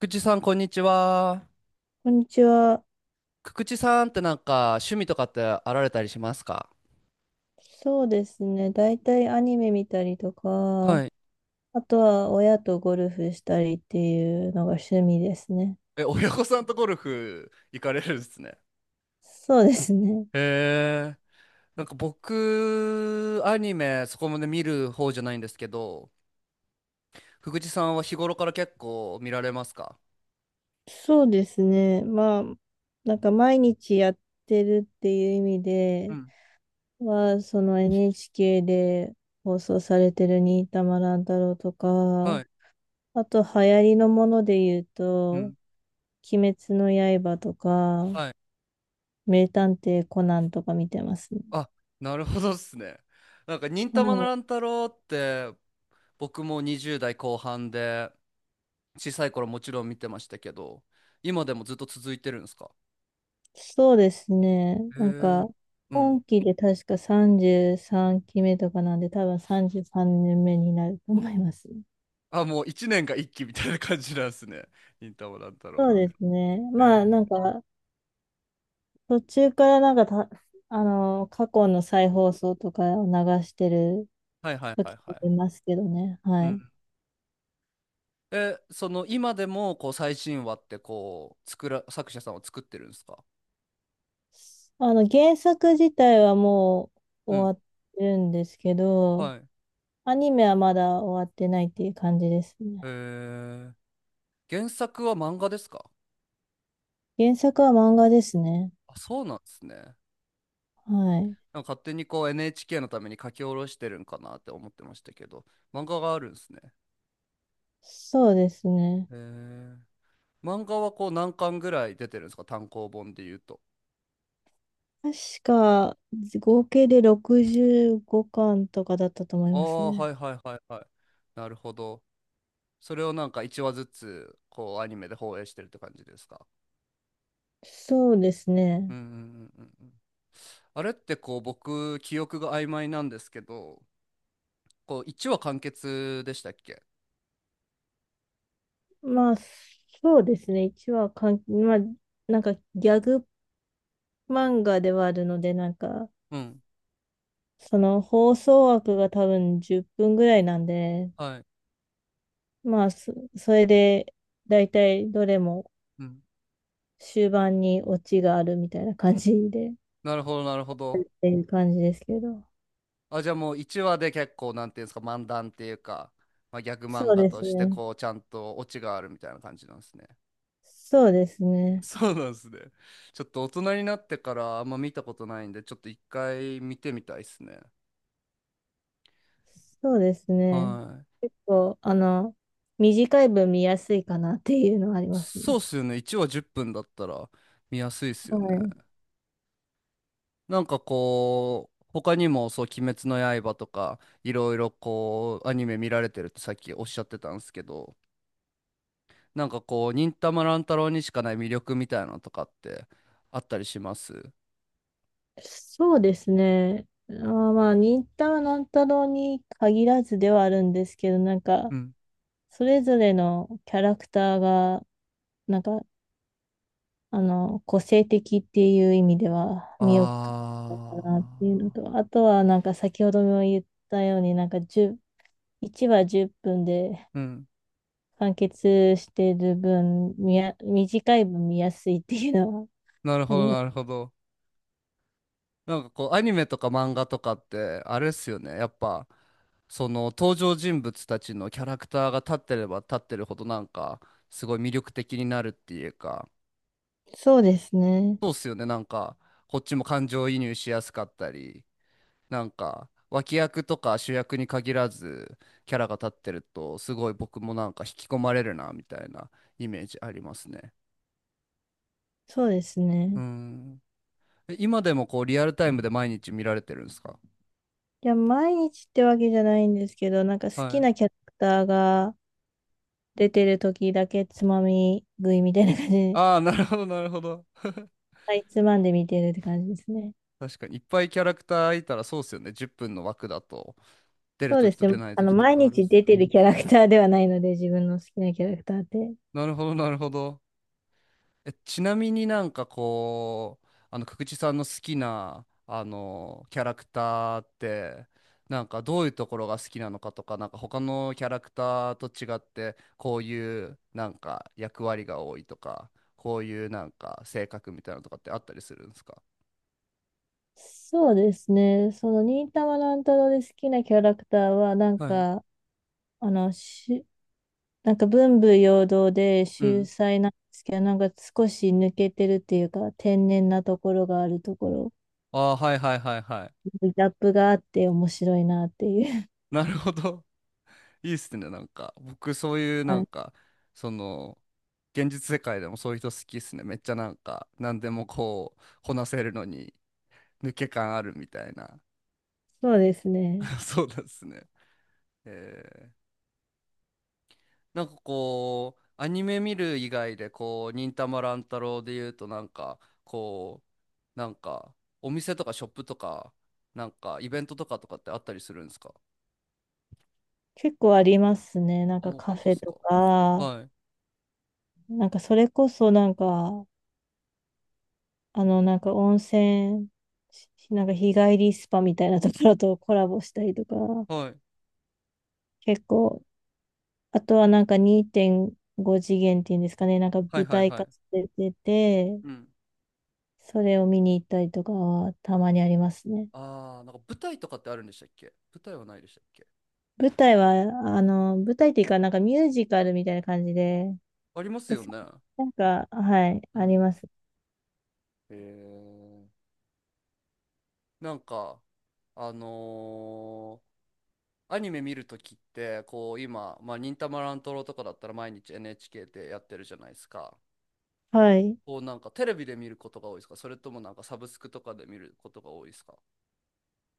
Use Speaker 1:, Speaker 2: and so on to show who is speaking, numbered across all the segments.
Speaker 1: くちさん、こんにちは。
Speaker 2: こんにちは。
Speaker 1: くちさんってなんか趣味とかってあられたりしますか？
Speaker 2: そうですね。大体アニメ見たりと
Speaker 1: は
Speaker 2: か、
Speaker 1: い。
Speaker 2: あとは親とゴルフしたりっていうのが趣味ですね。
Speaker 1: え、親御さんとゴルフ行かれるんですね。
Speaker 2: そうですね。
Speaker 1: へえ。なんか僕、アニメそこまで見る方じゃないんですけど、福地さんは日頃から結構見られますか？
Speaker 2: そうですね。毎日やってるっていう意味
Speaker 1: う
Speaker 2: で
Speaker 1: ん。
Speaker 2: は、NHK で放送されてる新玉乱太郎と
Speaker 1: は
Speaker 2: か、
Speaker 1: い。
Speaker 2: あと流行りのもので言う
Speaker 1: う
Speaker 2: と、
Speaker 1: ん。
Speaker 2: 鬼滅の刃とか、
Speaker 1: はい。
Speaker 2: 名探偵コナンとか見てますね。
Speaker 1: あ、なるほどっすね。なんか忍たま乱太郎って僕も20代後半で小さい頃もちろん見てましたけど、今でもずっと続いてるんですか？
Speaker 2: そうですね。
Speaker 1: へ
Speaker 2: なん
Speaker 1: え。
Speaker 2: か、
Speaker 1: うん。
Speaker 2: 今期で確か33期目とかなんで、多分33年目になると思います。
Speaker 1: あ、もう一年が一期みたいな感じなんですね。忍たま乱太郎
Speaker 2: そ
Speaker 1: っ
Speaker 2: う
Speaker 1: て。
Speaker 2: で
Speaker 1: へ
Speaker 2: すね。ま
Speaker 1: え。
Speaker 2: あ、なんか、途中からなんかた、あの、過去の再放送とかを流してる
Speaker 1: はいはいはい
Speaker 2: 時
Speaker 1: は
Speaker 2: も
Speaker 1: い。
Speaker 2: いますけどね。
Speaker 1: う
Speaker 2: はい。
Speaker 1: ん。え、その今でもこう最新話ってこう作者さんは作ってるんですか？
Speaker 2: 原作自体はもう
Speaker 1: うん。
Speaker 2: 終わってるんですけど、
Speaker 1: はい。
Speaker 2: アニメはまだ終わってないっていう感じですね。
Speaker 1: へえ。原作は漫画ですか？
Speaker 2: 原作は漫画ですね。
Speaker 1: あ、そうなんですね。な
Speaker 2: はい。
Speaker 1: んか勝手にこう NHK のために書き下ろしてるんかなって思ってましたけど、漫画があるんですね。
Speaker 2: そうですね。
Speaker 1: へえ。漫画はこう何巻ぐらい出てるんですか？単行本で言うと。
Speaker 2: 確か、合計で65巻とかだったと思い
Speaker 1: あ
Speaker 2: ます
Speaker 1: あ、は
Speaker 2: ね。
Speaker 1: いはいはいはい。なるほど。それをなんか1話ずつこうアニメで放映してるって感じですか？
Speaker 2: そうです
Speaker 1: う
Speaker 2: ね。
Speaker 1: んうんうんうんうん。あれってこう僕記憶が曖昧なんですけど、こう1話完結でしたっけ？
Speaker 2: まあ、そうですね。一話かん、まあ、なんかギャグ漫画ではあるので、
Speaker 1: うん。
Speaker 2: その放送枠が多分10分ぐらいなんで、
Speaker 1: はい。
Speaker 2: それで、だいたいどれも
Speaker 1: うん。
Speaker 2: 終盤にオチがあるみたいな感じで、っ
Speaker 1: なるほどなるほど。
Speaker 2: ていう感じですけど。
Speaker 1: あ、じゃあもう1話で結構なんていうんですか？漫談っていうか、まあ、ギャグ
Speaker 2: そ
Speaker 1: 漫
Speaker 2: う
Speaker 1: 画
Speaker 2: で
Speaker 1: と
Speaker 2: す
Speaker 1: して
Speaker 2: ね。
Speaker 1: こうちゃんとオチがあるみたいな感じなんですね。
Speaker 2: そうです ね。
Speaker 1: そうなんですね。ちょっと大人になってからあんま見たことないんで、ちょっと一回見てみたいですね。
Speaker 2: そうですね。
Speaker 1: はい。
Speaker 2: 結構、あの、短い分見やすいかなっていうのはあります
Speaker 1: そうっ
Speaker 2: ね。
Speaker 1: すよね。1話10分だったら見やすいっす
Speaker 2: は
Speaker 1: よ
Speaker 2: い。
Speaker 1: ね。なんかこう、他にもそう、鬼滅の刃とか、いろいろこう、アニメ見られてるってさっきおっしゃってたんですけど、なんかこう、忍たま乱太郎にしかない魅力みたいなのとかってあったりします？
Speaker 2: そうですね。あー、忍たま乱太郎に限らずではあるんですけど、
Speaker 1: うん。
Speaker 2: それぞれのキャラクターが、なんか、個性的っていう意味では見送った
Speaker 1: あ
Speaker 2: かなっていうのと、あとは先ほども言ったように、なんか10、1話10分で、
Speaker 1: ー。うん。
Speaker 2: 完結してる分、短い分見やすいっていうのは
Speaker 1: なる
Speaker 2: あ
Speaker 1: ほ
Speaker 2: り
Speaker 1: ど、
Speaker 2: ます。
Speaker 1: なるほど。なんかこう、アニメとか漫画とかって、あれっすよね。やっぱ、その登場人物たちのキャラクターが立ってれば立ってるほど、なんか、すごい魅力的になるっていうか、
Speaker 2: そうですね。
Speaker 1: そうっすよね。なんか、こっちも感情移入しやすかったり、なんか、脇役とか主役に限らず、キャラが立ってると、すごい僕もなんか引き込まれるな、みたいなイメージありますね。
Speaker 2: そうです
Speaker 1: う
Speaker 2: ね。
Speaker 1: ん。え、今でもこう、リアルタイムで毎日見られてるんですか？
Speaker 2: いや、毎日ってわけじゃないんですけど、なんか好
Speaker 1: は
Speaker 2: き
Speaker 1: い。
Speaker 2: なキャラクターが出てる時だけつまみ食いみたいな感じで、
Speaker 1: ああ、なるほど、なるほど。
Speaker 2: はいつまんで見てるって感じですね。
Speaker 1: 確かにいっぱいキャラクターいたらそうっすよね。10分の枠だと出るときと出ないときと
Speaker 2: 毎
Speaker 1: かあるっ
Speaker 2: 日
Speaker 1: す
Speaker 2: 出
Speaker 1: よね。
Speaker 2: てるキャラクターではないので、自分の好きなキャラクターって。
Speaker 1: なるほど、なるほど。え、ちなみになんかこう、久地さんの好きな、キャラクターって、なんかどういうところが好きなのかとか、なんか他のキャラクターと違って、こういうなんか役割が多いとか、こういうなんか性格みたいなのとかってあったりするんですか？
Speaker 2: 忍たま乱太郎で好きなキャラクターは、なん
Speaker 1: はい。
Speaker 2: か、あの、し、なんか文武両道で
Speaker 1: う
Speaker 2: 秀
Speaker 1: ん。
Speaker 2: 才なんですけど、なんか少し抜けてるっていうか、天然なところがあるところ、
Speaker 1: ああ、はいはいはいはい。
Speaker 2: ギャップがあって面白いなっていう。
Speaker 1: なるほど。いいっすね、なんか。僕、そうい う、な
Speaker 2: は
Speaker 1: ん
Speaker 2: い、
Speaker 1: か、その、現実世界でもそういう人好きっすね。めっちゃなんか、何でもこう、こなせるのに、抜け感あるみたいな。
Speaker 2: そうですね。
Speaker 1: そうなんですね。えー、なんかこう、アニメ見る以外で、こう、忍たま乱太郎で言うと、なんか、こう、なんか、お店とかショップとか、なんか、イベントとかとかってあったりするんですか？
Speaker 2: 結構ありますね。
Speaker 1: あ、もう
Speaker 2: カ
Speaker 1: 本当
Speaker 2: フ
Speaker 1: っ
Speaker 2: ェ
Speaker 1: すか？
Speaker 2: とか、
Speaker 1: はい。
Speaker 2: なんかそれこそなんか、あの、なんか温泉、なんか日帰りスパみたいなところとコラボしたりとか。
Speaker 1: はい。
Speaker 2: 結構、あとはなんか2.5次元っていうんですかね、なんか
Speaker 1: はい
Speaker 2: 舞
Speaker 1: はい
Speaker 2: 台
Speaker 1: は
Speaker 2: 化
Speaker 1: い。
Speaker 2: してて、
Speaker 1: うん。
Speaker 2: それを見に行ったりとかはたまにありますね。
Speaker 1: ああ、なんか舞台とかってあるんでしたっけ？舞台はないでしたっけ？
Speaker 2: 舞台は、あの、舞台っていうか、なんかミュージカルみたいな感じで、
Speaker 1: あります
Speaker 2: で、
Speaker 1: よ
Speaker 2: さ
Speaker 1: ね。
Speaker 2: なんか、はい、
Speaker 1: う
Speaker 2: あり
Speaker 1: ん。
Speaker 2: ます。
Speaker 1: へえ。なんか、あのーアニメ見るときって、こう今、まあ、忍たま乱太郎とかだったら毎日 NHK でやってるじゃないですか。
Speaker 2: はい。
Speaker 1: こうなんかテレビで見ることが多いですか？それともなんかサブスクとかで見ることが多いですか？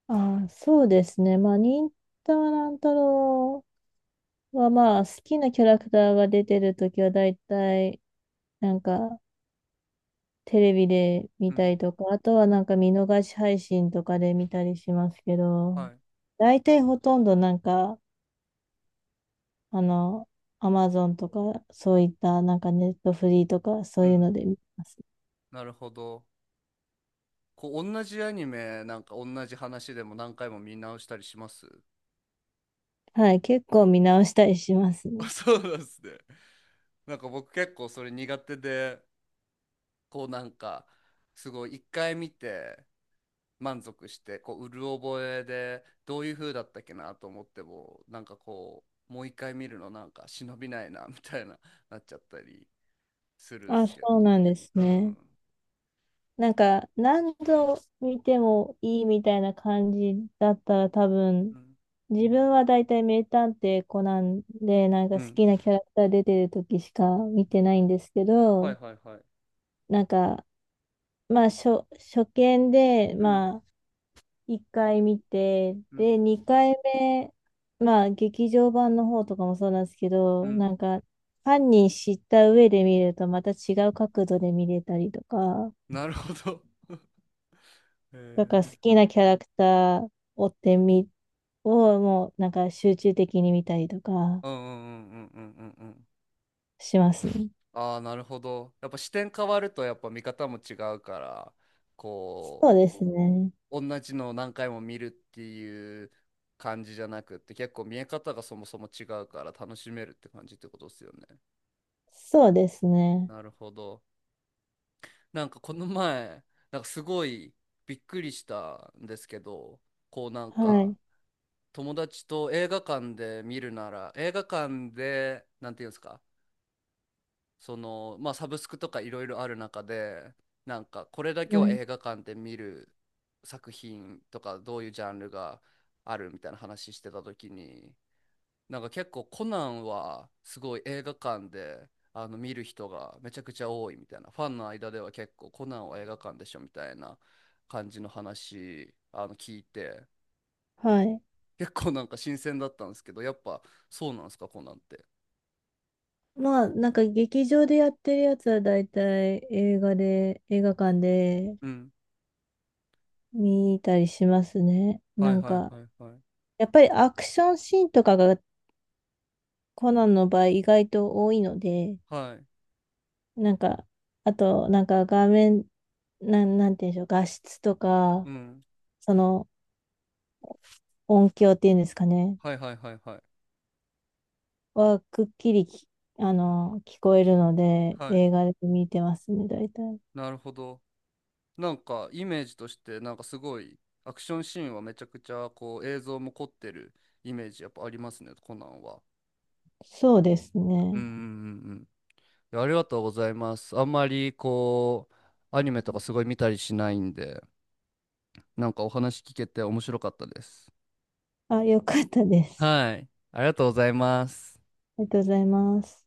Speaker 2: 忍たま乱太郎は、まあ、好きなキャラクターが出てるときは、だいたい、なんか、テレビで見
Speaker 1: う
Speaker 2: た
Speaker 1: ん。
Speaker 2: りとか、あとはなんか見逃し配信とかで見たりしますけど、
Speaker 1: はい。
Speaker 2: 大体ほとんどあの、アマゾンとか、そういったなんかネットフリーとか、そ
Speaker 1: う
Speaker 2: ういうの
Speaker 1: ん。
Speaker 2: で見てます。
Speaker 1: なるほど。こう同じアニメ、なんか同じ話でも何回も見直したりします？
Speaker 2: はい、結構見直したりします
Speaker 1: あ、
Speaker 2: ね。
Speaker 1: そうなんですね。なんか僕結構それ苦手で、こうなんかすごい一回見て満足して、こううる覚えでどういう風だったっけなと思っても、なんかこうもう一回見るのなんか忍びないな みたいな、なっちゃったりするん
Speaker 2: あ、
Speaker 1: す
Speaker 2: そ
Speaker 1: け
Speaker 2: う
Speaker 1: ど。
Speaker 2: なんです
Speaker 1: う
Speaker 2: ね。
Speaker 1: ん
Speaker 2: 何度見てもいいみたいな感じだったら多
Speaker 1: う
Speaker 2: 分、
Speaker 1: ん
Speaker 2: 自分は大体名探偵コナンで、なん
Speaker 1: う
Speaker 2: か好
Speaker 1: ん。
Speaker 2: きなキャラクター出てる時しか見てないんですけ
Speaker 1: はい
Speaker 2: ど、
Speaker 1: はいはい。
Speaker 2: なんか、初見で、
Speaker 1: うん
Speaker 2: まあ、1回見て、
Speaker 1: うん
Speaker 2: 2回目、劇場版の方とかもそうなんですけ
Speaker 1: う
Speaker 2: ど、
Speaker 1: ん。
Speaker 2: 犯人知った上で見ると、また違う角度で見れたりとか、
Speaker 1: なるほど。へ
Speaker 2: だから好
Speaker 1: え。
Speaker 2: きなキャラクターを追ってみ、をもう、なんか集中的に見たりとか
Speaker 1: うんうんうんうんうんうんうん。
Speaker 2: しますね。
Speaker 1: ああー、なるほど。やっぱ視点変わるとやっぱ見方も違うから、こ
Speaker 2: そうですね。
Speaker 1: 同じのを何回も見るっていう感じじゃなくって、結構見え方がそもそも違うから楽しめるって感じってことですよね。
Speaker 2: そうですね。
Speaker 1: なるほど。なんかこの前なんかすごいびっくりしたんですけど、こうなん
Speaker 2: は
Speaker 1: か
Speaker 2: い。
Speaker 1: 友達と映画館で見るなら映画館でなんていうんですか、その、まあ、サブスクとかいろいろある中で、なんかこれだけ
Speaker 2: は
Speaker 1: は
Speaker 2: い。
Speaker 1: 映画館で見る作品とかどういうジャンルがあるみたいな話してた時に、なんか結構コナンはすごい映画館で見る人がめちゃくちゃ多いみたいな、ファンの間では結構コナンは映画館でしょみたいな感じの話聞いて、
Speaker 2: はい。
Speaker 1: 結構なんか新鮮だったんですけど、やっぱそうなんですか、コナンって。
Speaker 2: 劇場でやってるやつは大体映画で、映画館で
Speaker 1: うん。
Speaker 2: 見たりしますね。
Speaker 1: はいはいはいはい。
Speaker 2: やっぱりアクションシーンとかがコナンの場合意外と多いので、
Speaker 1: はい。
Speaker 2: なんか、あと画面、なんて言うんでしょう、画質と
Speaker 1: う
Speaker 2: か、
Speaker 1: ん。
Speaker 2: その音響っていうんですかね、
Speaker 1: はいはいはいはい。
Speaker 2: くっきりき、あの、聞こえるので、
Speaker 1: はい。
Speaker 2: 映画で見てますね、大体。
Speaker 1: なるほど。なんかイメージとしてなんかすごいアクションシーンはめちゃくちゃこう映像も凝ってるイメージやっぱありますね、コナンは。
Speaker 2: そうです
Speaker 1: うんう
Speaker 2: ね。
Speaker 1: んうんうん。いや、ありがとうございます。あんまりこうアニメとかすごい見たりしないんで、なんかお話聞けて面白かったです。
Speaker 2: あ、よかったです。
Speaker 1: はい。ありがとうございます。
Speaker 2: ありがとうございます。